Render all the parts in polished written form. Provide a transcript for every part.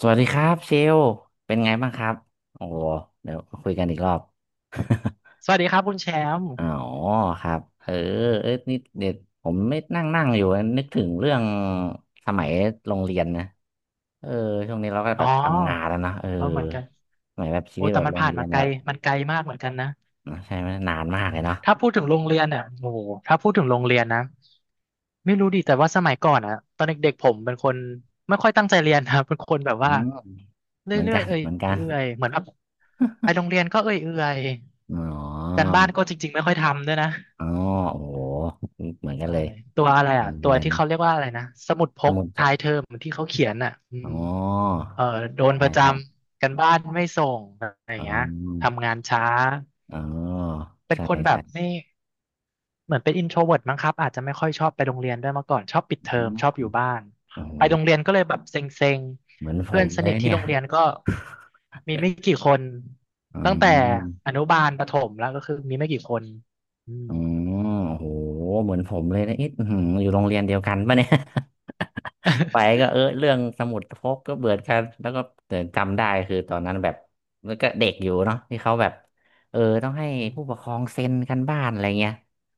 สวัสดีครับเชลเป็นไงบ้างครับโอ้โหเดี๋ยวคุยกันอีกรอบ สวัสดีครับคุณแชมป์ อ๋อครับเอ้ยนี่เด็ดผมไม่นั่งนั่งอยู่นึกถึงเรื่องสมัยโรงเรียนนะเออช่วงนี้เราก็อ๋แบอบทำงานแล้วเนอะเออเออเหมือนกันสมัยแบบชีโอ้วิตแต่แบบมันโรงผ่านเรียมานไกแบลบมันไกลมากเหมือนกันนะ ใช่ไหมนานมากเลยเนาะถ้าพูดถึงโรงเรียนเนี่ยโอ้โหถ้าพูดถึงโรงเรียนนะไม่รู้ดิแต่ว่าสมัยก่อนอะตอนเด็กๆผมเป็นคนไม่ค่อยตั้งใจเรียนนะ เป็นคนแบบอืว่ามเรเหมือนื่อกัยนๆเอเหมือนกัน ื่อยๆเหมือนแบบไป โรงเรียนก็เอื่อยอ๋ๆกาอรบ้านก็จริงๆไม่ค่อยทำด้วยนะอ๋อโอ้โหเหมือนกันใช่เลยตัวอะไรอือ่ะมตัอะวไรที่เนาะเขาเรียกว่าอะไรนะสมุดพสกมุดจท้าดยเทอมที่เขาเขียนอ่ะอือ๋ม อเออโดนปใช่ระจใช่ำกันบ้านไม่ส่งอะไรอย่าอ๋งเงี้ยอ ทำงานช้าอ๋อเป็นใช่คนแบบใช่ไม่เหมือนเป็นอินโทรเวิร์มั้งครับอาจจะไม่ค่อยชอบไปโรงเรียนด้วยมาก่อนชอบปิดอืเทอมมชอบอยู่บ้านโอ้โหไปโรงเรียนก็เลยแบบเซ็งเหมือนๆผเพื่อนมสเลนิยทที่เนี่ยโรงเรียนก็มีไม่กี่คนอืตั้งแต่มอนุบาลประถมแล้วก็คือมีไม่กี่คนอืมอืมโอ้โหเหมือนผมเลยนะเอ๊ะอื้อหืออยู่โรงเรียนเดียวกันปะเนี่ย ไปก็เออเรื่องสมุดพกก็เบื่อกันแล้วก็แต่จำได้คือตอนนั้นแบบแล้วก็เด็กอยู่เนาะที่เขาแบบเออต้องให้ผู้ปกครองเซ็นกันบ้านอะไรเงี้ย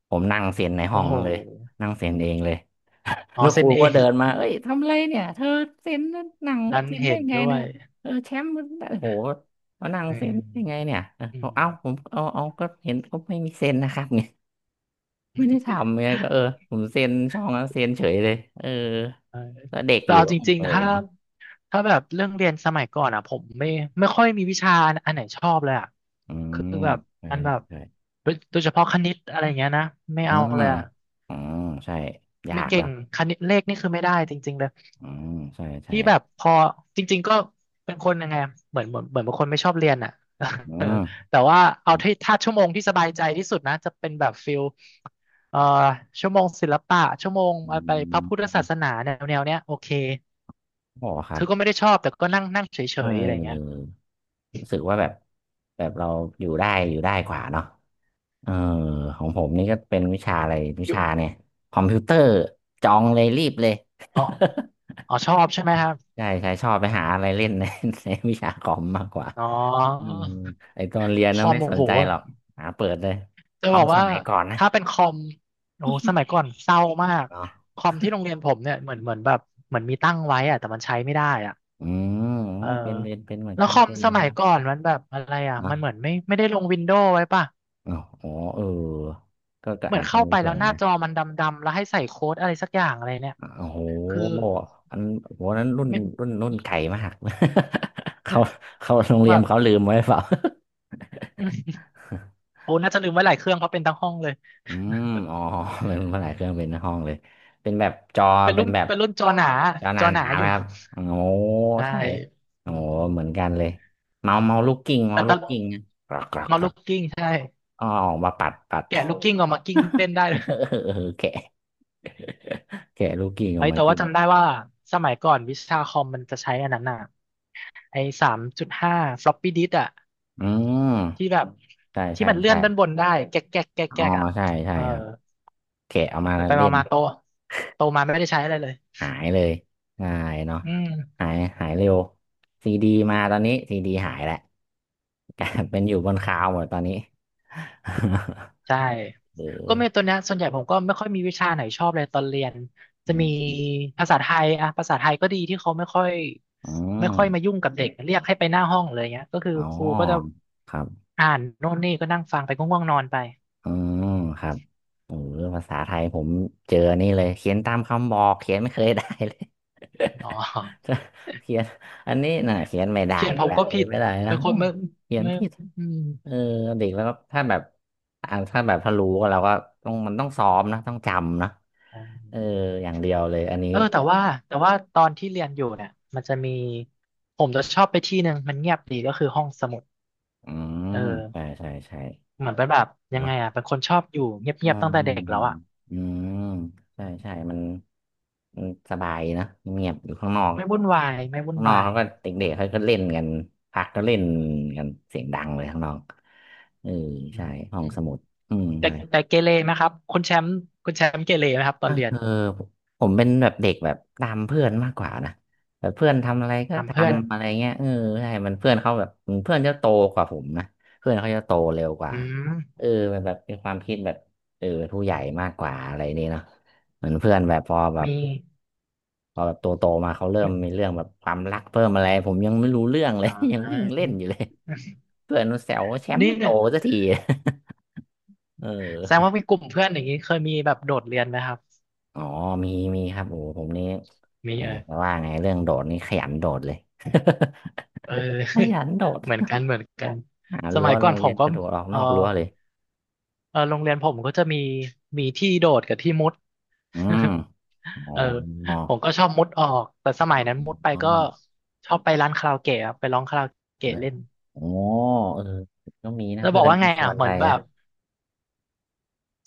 ผมนั่งเซ็นในห้โอ้องโหเลยนั่งเซ็นเองเลย อ๋อแล้วคเซ็รูนเอก็ง เดินมาเอ้ยทำอะไรเนี่ยเธอเซ็นหนัง ดันเซ็นได้เห็นไงด้วเนี่ยยเออแชมป์มันได้โหมานั่งอืเซ็นได้ไงมเนี่ยเอออืเอามเอาผมเอาก็เห็นเขาไม่มีเซ็นนะครับ เนี่ยไม่ได้ทำเนี่ยก็เออผมเซ็นช่องแล้วเซ็นเฉยเลยเออเออแล้วเด็กแต่อยู่เอาก็จริงเออๆถ้า ถ้าแบบเรื่องเรียนสมัยก่อนอ่ะผมไม่ค่อยมีวิชาอันไหนชอบเลยอ่ะอืคือมแบบใช่มันใช่แบบใช่โดยเฉพาะคณิตอะไรเงี้ยนะไม่อืเอามเลยอ่ะอืมใช่ยาไม่กเก่แล้งวคณิตเลขนี่คือไม่ได้จริงๆเลยอืมใช่ใช่ที่แบบพอจริงๆก็เป็นคนยังไงอะเหมือนเป็นคนไม่ชอบเรียนอ่ะ อื เออมแต่ว่าเอาที่ถ้าชั่วโมงที่สบายใจที่สุดนะจะเป็นแบบฟิลเอ่อชั่วโมงศิลปะชั่วโมงอืไปพระพุทธศาสมนาแนวแนวเนี้ยโอเคอ๋อครัคืบอก็ไม่ได้ชอบแต่ก็นั่งนั่งเฉเออ ยๆอะไรเงี้ย รู้สึกว่าแบบแบบเราอยู่ได้อยู่ได้กว่าเนาะเออของผมนี่ก็เป็นวิชาอะไรวิอยู่ชาเนี่ยคอมพิวเตอร์จองเลยรีบเลย อ๋ออ๋อชอบใช่ไหมครับ ใช่ใช่ชอบไปหาอะไรเล่น ในในวิชาคอมมากกว่าอ๋ออืมไอตอนเรียนคนะอมไม่โอ้สนโห ใจหรอกหาเปิดเลยจะคอบอมกสว่ามัยก่อนนะถ้าเป็นคอมโอ้โหสมัยก่อนเศร้ามากเนาะคอมที่โรงเรียนผมเนี่ยเหมือนแบบเหมือนมีตั้งไว้อะแต่มันใช้ไม่ได้อะอืมเออเป็นเหมือนแล้วกัคนอมเป็นเหสมือนมัยกันก่อนมันแบบอะไรอ่ะเนาะมันเหมือนไม่ได้ลงวินโดว์ไว้ป่ะอ๋อโอ้เออก็ก็เหมืออานจจะเข้ามีไปส่แล้ววน หน้าจอมันดำๆแล้วให้ใส่โค้ดอะไรสักอย่างอะไรเนี่ยโอ้โหคืออันโหนั้นรุ่น ไม่รุ่น รุ่นไก่มาก เขาเขาโรงแบเรียนบเขาลืมไว้เปล่า โอ้น่าจะลืมไว้หลายเครื่องเพราะเป็นทั้งห้องเลยอืมอ๋อเป็นภาษาเครื่องเป็นห้องเลย เป็นแบบจอ เป็นเป็รุ่นนแบบเป็นรุ่นจอหนาจอหจอหนานาอๆยู่ นะครับโอ้โหใช่ใช่อืโอ้โหมเหมือนกันเลยเมาลูกกิ้งเมาแต่ตลูอนกกิ้งนะกรอกกรอกนอนกรอลูกกกิ้งใช่อ๋อออกมาปัดปัด แกะลูกกิ้งออกมากิ้งเล่นได้ เเลยออแกะแกะลูกกิ้งออเฮ้กยมาแต่กิว่านจำได้ว่าสมัยก่อนวิชาคอมมันจะใช้อันนั้นน่ะไอ้สามจุดห้าฟลอปปี้ดิสอะอืมที่แบบใช่ที่ใช่มันเลื่อใช่นด้านบนได้แก๊กแก๊กแก๊กอ๋อแก๊กอะใช่ใช่เออครับ แกะเอามาไปไปเล่มานมาโตโตมาไม่ได้ใช้อะไรเลยหายเลยหายเนาะอืม หายหายเร็ว ซีดีมาตอนนี้ซีดีหายแหละกลายเป็นอยู่บนคลาวด์หมดตอนนี้ ใช่ก็เมเอนตัวอเนี้ยส่วนใหญ่ผมก็ไม่ค่อยมีวิชาไหนชอบเลยตอนเรียนจะอืมีมภาษาไทยอะภาษาไทยก็ดีที่เขาไม่ค่อยอไม่ค่มอยมายุ่งกับเด็กเรียกให้ไปหน้าห้องเลยเงี้ยก็คืออ๋ครูก็จะอครับ อ่านโน่นนี่ก็นั่งฟังไปก็ง่วงนอนไปอ๋อครับเออภาษาไทยผมเจอนี่เลยเขียนตามคำบอกเขียนไม่เคยได้เลย อ๋อ เขียนอันนี้น่ะเขียนไม่ได้เขียนอีกผมแล้วก็เขีผิยนดไม่ได้เป็นะ้นคนวไม่เขียนไม่ผิดอืมเออเด็กแล้วก็ถ้าแบบถ้าแบบถ้ารู้ก็เราก็ต้องมันต้องซ้อมนะต้องจำนะอ่เออาอย่างเดียวเลยอันนี้เออแต่ว่าตอนที่เรียนอยู่เนี่ยมันจะมีผมจะชอบไปที่หนึ่งมันเงียบดีก็คือห้องสมุดอืเออ มใช่ใช่ใช่เหมือนเป็นแบบยังเนาะ ไงอ่ะเป็นคนชอบอยู่อืเงียบมๆตั้งแต่อืเด็กแล้วมอ่ะอืม ใช่อืใช่มมันมันสบายนะเงียบอยู่ข้างนอก ไม่วุ่นวายไม่วุ่นข้างนอกวายเขาก็เด็กๆเขาก็เล่นกันพักก็เล่นกันเสียงดังเลยข้างนอกเอออืใช่ห้อมงสมุดอืม แต่ใช่ แต่เกเรไหมครับคุณแชมป์คุณแชมป์เกเรไหมครับตเอนเรียนออผมเป็นแบบเด็กแบบตามเพื่อนมากกว่านะแบบเพื่อนทำอะไรก็ตามเพื่อนทำอะไรเงี้ยเออใช่มันเพื่อนเขาแบบเพื่อนจะโตกว่าผมนะเพื่อนเขาจะโตเร็วกว่าอืมเออมันแบบเป็นความคิดแบบเออเป็นผู้ใหญ่มากกว่าอะไรนี่เนาะเหมือนเพื่อนแบบพอแบบมีพอแบบโตโตมาเขาเริ่มมีมีเรื่องแบบความรักเพิ่มอะไรผมยังไม่รู้เรื่องเลอ๋ย ยังวิ่งเล่อนอยู่เลยเพื่อนมันแซวว่าแชมป์นี่ไม่โตเนี่ยสักที เแสดงออ ว่ามีกลุ่มเพื่อนอย่างนี้เคยมีแบบโดดเรียนไหมครับอ๋อมีมีครับโอ้โหผมนี่มีแหมเออจะว่าไงเรื่องโดดนี่ขยันโดดเลย เออ ขยันโดด เหมือนกันเหมือนกันหาสรั้มัวยก่โรอนงผเรียมนก็กระโดดออกเอนออกรั้วเลยเออโรงเรียนผมก็จะมีมีที่โดดกับที่มุด อืมอ๋ เอออผมก็ชอบมุดออกแต่สมัยนั้นมุดไปอืก็มชอบไปร้านคาราโอเกะครับไปร้องคาราโอเกะเล่นโอ้เออก็มีนะแล้วบเพื่อกอนว่าก็ไงชอ่ะวนเหไปมือนแบนะบ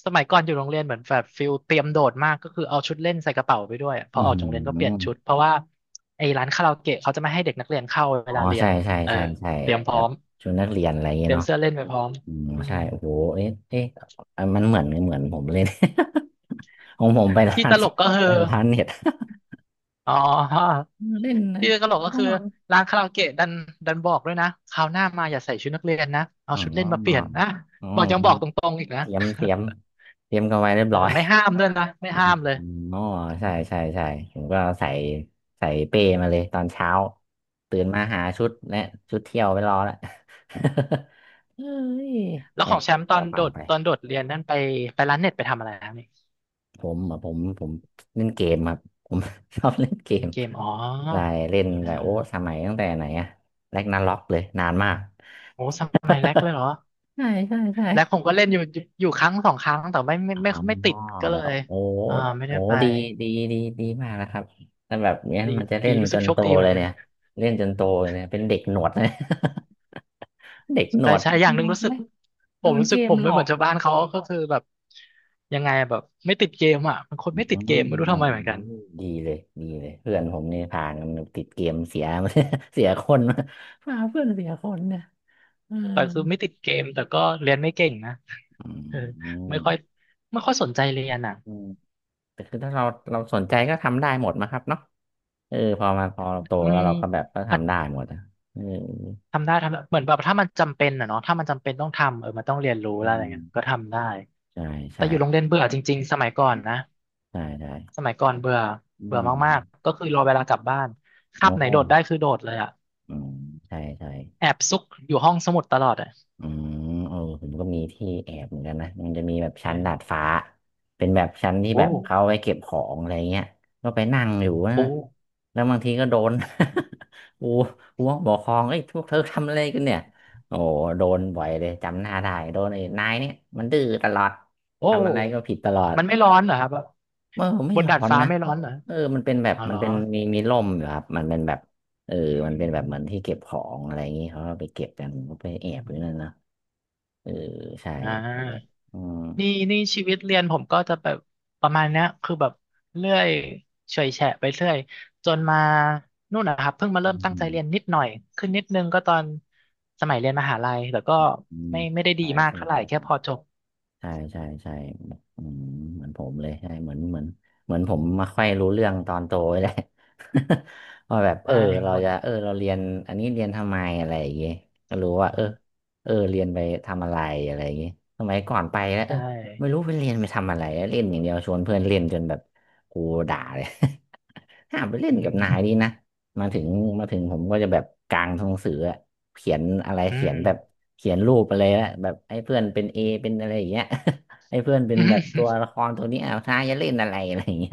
สมัยก่อนอยู่โรงเรียนเหมือนแบบฟิลเตรียมโดดมากก็คือเอาชุดเล่นใส่กระเป๋าไปด้วยอะพอือออกจากโรงเรียนก็เปลี่ยนชุมดเพราะว่าไอ้ร้านคาราโอเกะเขาจะไม่ให้เด็กนักเรียนเข้าเวอ๋อลาเรียใช่นใช่เออใช่ใช่เตรียมพแบร้อบมชวนนักเรียนอะไรอย่างเตเงี้ยรียมเนาะเสื้อเล่นไปพร้อมอืมอืมใช่โอ้โหเอ๊ะเอ๊ะอันมันเหมือนเหมือนผมเลย ของผมไปร้าที่นตลกก็คืไปอร้านเน็ต อ๋อ เล่นนะที่ตลกก็ทั้งคือวัน ร้านคาราโอเกะดันบอกด้วยนะคราวหน้ามาอย่าใส่ชุดนักเรียนนะเอาอ๋อชุดเล่นมาเปลี่ยนนะอ๋อบอกยังบอกตรงๆอีกนะ เตรียมเตรียมเตรียมกันไว้เรียบ เออร้อยไม่ห้ามด้วยนะไม่อ๋ห้ามเลยออืใช่มใช่ใช่ผมก็ใส่ใส่เป้มาเลยตอนเช้า ตื่นมาหาชุดและชุดเที่ยวไปรอแล้ว เฮ้ยแล้วแอขอบงแชมป์แอตบอกนระโดเป๋าดไปตอนโดดเรียนนั่นไปไปร้านเน็ตไปทำอะไรนะนี่ผมอ่ะผมผมเล่นเกมครับผม ชอบเล่นเกเล่นมเกมอ๋อใช่เล่นเแต่โอ้ออสมัยตั้งแต่ไหนอะแรกนาร็อกเลยนานมากโอ้สมัยแรกเลยเหรอใช่ใช่ใช่ แรกผมก็เล่นอยู่ครั้ง2ครั้งแต่ไม่ไม่อ๋อไม่ไม่ติดก็เลแล้วยโอ้อ่าไม่โอ้ได้ไปดีดีดีดีมากนะครับถ้าแบบเนี้ยดีมันจะเล่ดีนรู้จสึกนโชโตคดีเหเลมือยนกัน เนี่ยเล่นจนโตเลยเนี่ยเป็นเด็กหนวดเลย เด็กหนใช่วดใช่อย่างหโดนึ่งนรู้สึเลกยผโดมนรู้เกสึกผมมหลไม่อเหมือกนชาวบ้านเขาก็คือแบบยังไงแบบไม่ติดเกมอ่ะมันคนอืมไม่ติดเกมไม่รู้โอ้ทำไมเหมือนกันดีเลยดีเลยเพื่อนผมนี่ผ่านกันติดเกมเสีย เสียคนมาพาเพื่อนเสียคนเนี่ยเออแต่คือไม่ติดเกมแต่ก็เรียนไม่เก่งนะอืเออมไม่ค่อยไม่ค่อยสนใจเรียนอ่ะอืมแต่คือถ้าเราเราสนใจก็ทำได้หมดนะครับเนาะเออพอมาพอเราโตอืแล้มวเราก็แบบก็อ่ะทำได้หมดอะเออ ทำได้ทำได้เหมือนแบบถ้ามันจำเป็นอ่ะเนาะถ้ามันจำเป็นต้องทำเออมันต้องเรียนรู้อืแล้วอะไรมเงี้ยก็ทำได้ใช่แต่ใช่อยู่โรงเรียนเบื่อจริงๆสมัยก่อนนะใช่ใช่สมัยก่อนเบื่ออืเบื่อมากๆมก็คือรอเวลากลับบ้านโอคาบไหนโดดได้้คือโดดเลยอ่ะอืมใช่ใช่แอบซุกอยู่ห้องสมุดตลอดอ่ะ อืมเออผมก็มีที่แอบเหมือนกันนะมันจะมีแบบชั้นดาดฟ้าเป็นแบบชั้นที่โอ้แบบเขาไว้เก็บของอะไรเงี้ยก็ไปนั่งอยู่โอ้ นะแล้วบางทีก็โดน อูอูบอกครองเอ้ยพวกเธอทำอะไรกันเนี่ยโอ้โหโดนบ่อยเลยจำหน้าได้โดนไอ้นายเนี่ยมันดื้อตลอดโอ้ ทำอะไรก็ผิดตลอด มันไม่ร้อนเหรอครับ เออไม่บนร้อดาดนฟ้านะไม่ร้อนเหรอเออมันเป็นแบบอ๋อเหมัรนอเป็นมีร่มอยู่ครับมันเป็นแบบเอออืมันเป็นแบบเหมือนมที่เก็บของอะไรอย่างงี้เขาก็ไปเก็บกันเขาไปแออืบอยู่นั่นมนะเออใช่อ่แบบาอืมนี่ชีวิตเรียนผมก็จะแบบประมาณเนี้ยคือแบบเรื่อยเฉอยแฉะไปเรื่อยจนมานู่นนะครับ เพิ่งมาอืเริ่มมตั้งอืใจมเรียนนิดหน่อย ขึ้นนิดนึงก็ตอนสมัยเรียนมหาลัยแต่ก็อืมไม่ได้ดีใช่มากใช่เท่าไหร่ใช่ แค่พอจบใช่อืมเหมือนผมเลยใช่เหมือนเหมือนผมมาค่อยรู้เรื่องตอนโตเลย แหละ ว่าแบบเอได้อเราหมดจะเออเราเรียนอันนี้เรียนทำไมอะไรอย่างเงี้ยก็รู้อืว่าเออมเออเรียนไปทำอะไรอะไรอย่างเงี้ยสมัยก่อนไปแล้วเอใช่อไม่รู้ไปเรียนไปทำอะไรเล่นอย่างเดียวชวนเพื่อนเล่นจนแบบกูด่าเลย ห้ามไปเล่อืนกับนายดีมนะมาถึงมาถึงผมก็จะแบบกลางหนังสืออะเขียนอะไรอืเขียมนแบบเขียนรูปอะไรลยอะแบบให้เพื่อนเป็นเอเป็นอะไรอย่างเงี้ย ให้เพื่อนเป็นอแบบตัวืละครตัวนี้อ้าวนายจะเล่นอะไรอะไรอย่างเงี้ย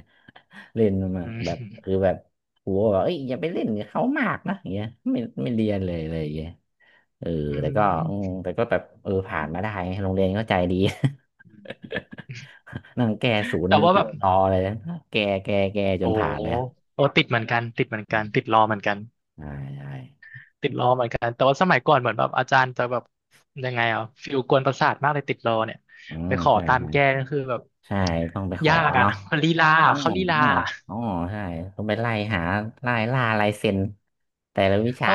เล่นมาแบบคืมอแบบครูบอกเอ้ยอย่าไปเล่นกับเขามากนะอย่างเงี้ยไม่เรียนเลยอย่างเงี้ยเอออืแต่ก็อืมแต่ก็แบบเออผ่านมาได้ม โรงเรียนก็ใจดี นั่งแก้ศูนแต่ย์ว่าติแบดบรอเลยนะแก้จโอ้นโผ่านหเลยอะโอ้ติดเหมือนกันติดเหมือนอืกันติดมรอเหมือนกันใช่ใช่ ติดรอเหมือนกันแต่ว่าสมัยก่อนเหมือนแบบอาจารย์จะแบบยังไงอ่ะฟิลกวนประสาทมากเลยติดรอเนี่ยอืไปมขอใช่ตามใช่แก้ก็คือแบบใช่ต้องไปขอยากอ่ะเนาะมันลีลาอะอืมเขาลีลาอ๋ออ๋อใช่ต้องไปไล่หาไล่ล่าลายเซ็นแต่ละวิเอชา อ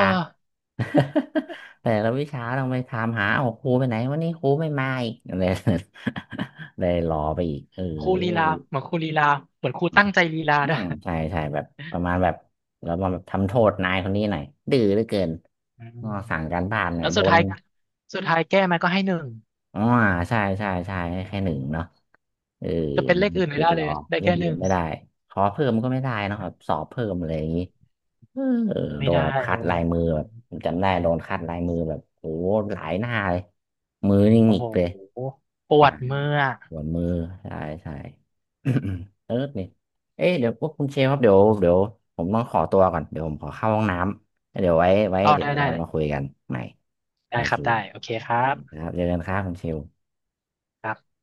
แต่ละวิชาต้องไปถามหาเอาครูไปไหนวันนี้ครูไม่มาอีก อะไร เลยรอไปอีกเอครูลีลาอเหมือนครูลีลาเหมือนครูตั้งใจลีลาอืด้วยมใช่ใช่แบบประมาณแบบเรามาแบบทำโทษนายคนนี้หน่อยดื้อเหลือเกินอืก็มสั่งการบ้านหน่อแล้ยวโดสุดน ท้ายสุดท้ายแก้มันก็ให้หนึ่งอ๋อใช่ให้แค่หนึ่งเนาะเออจะเป็นเลขอื่นไม่ติดได้รเลอยได้เล่นแค่เกหนึ่มงไม่ได้ขอเพิ่มก็ไม่ได้เนอะแบบสอบเพิ่มอะไรอย่างนี้เออไม่โดนได้แบบคัเลดยลายมือแบบผมจำได้โดนคัดลายมือแบบโอ้หลายหน้าเลยมือนี่โอ้หงิโกเลยหปวอ่าดเมื่อปวดมือใช่ใช่ เออเนี่ยเอ๊ะเดี๋ยวพวกคุณเชฟครับเดี๋ยวผมต้องขอตัวก่อนเดี๋ยวผมขอเข้าห้องน้ำแล้วเดี๋ยวไว้เอาเดี๋ยได้วได้ เรามาคุยกันใหม่ได้โอคเครับ ได้ โอเคครัคบรับเจอกันครับคุณเชลครับ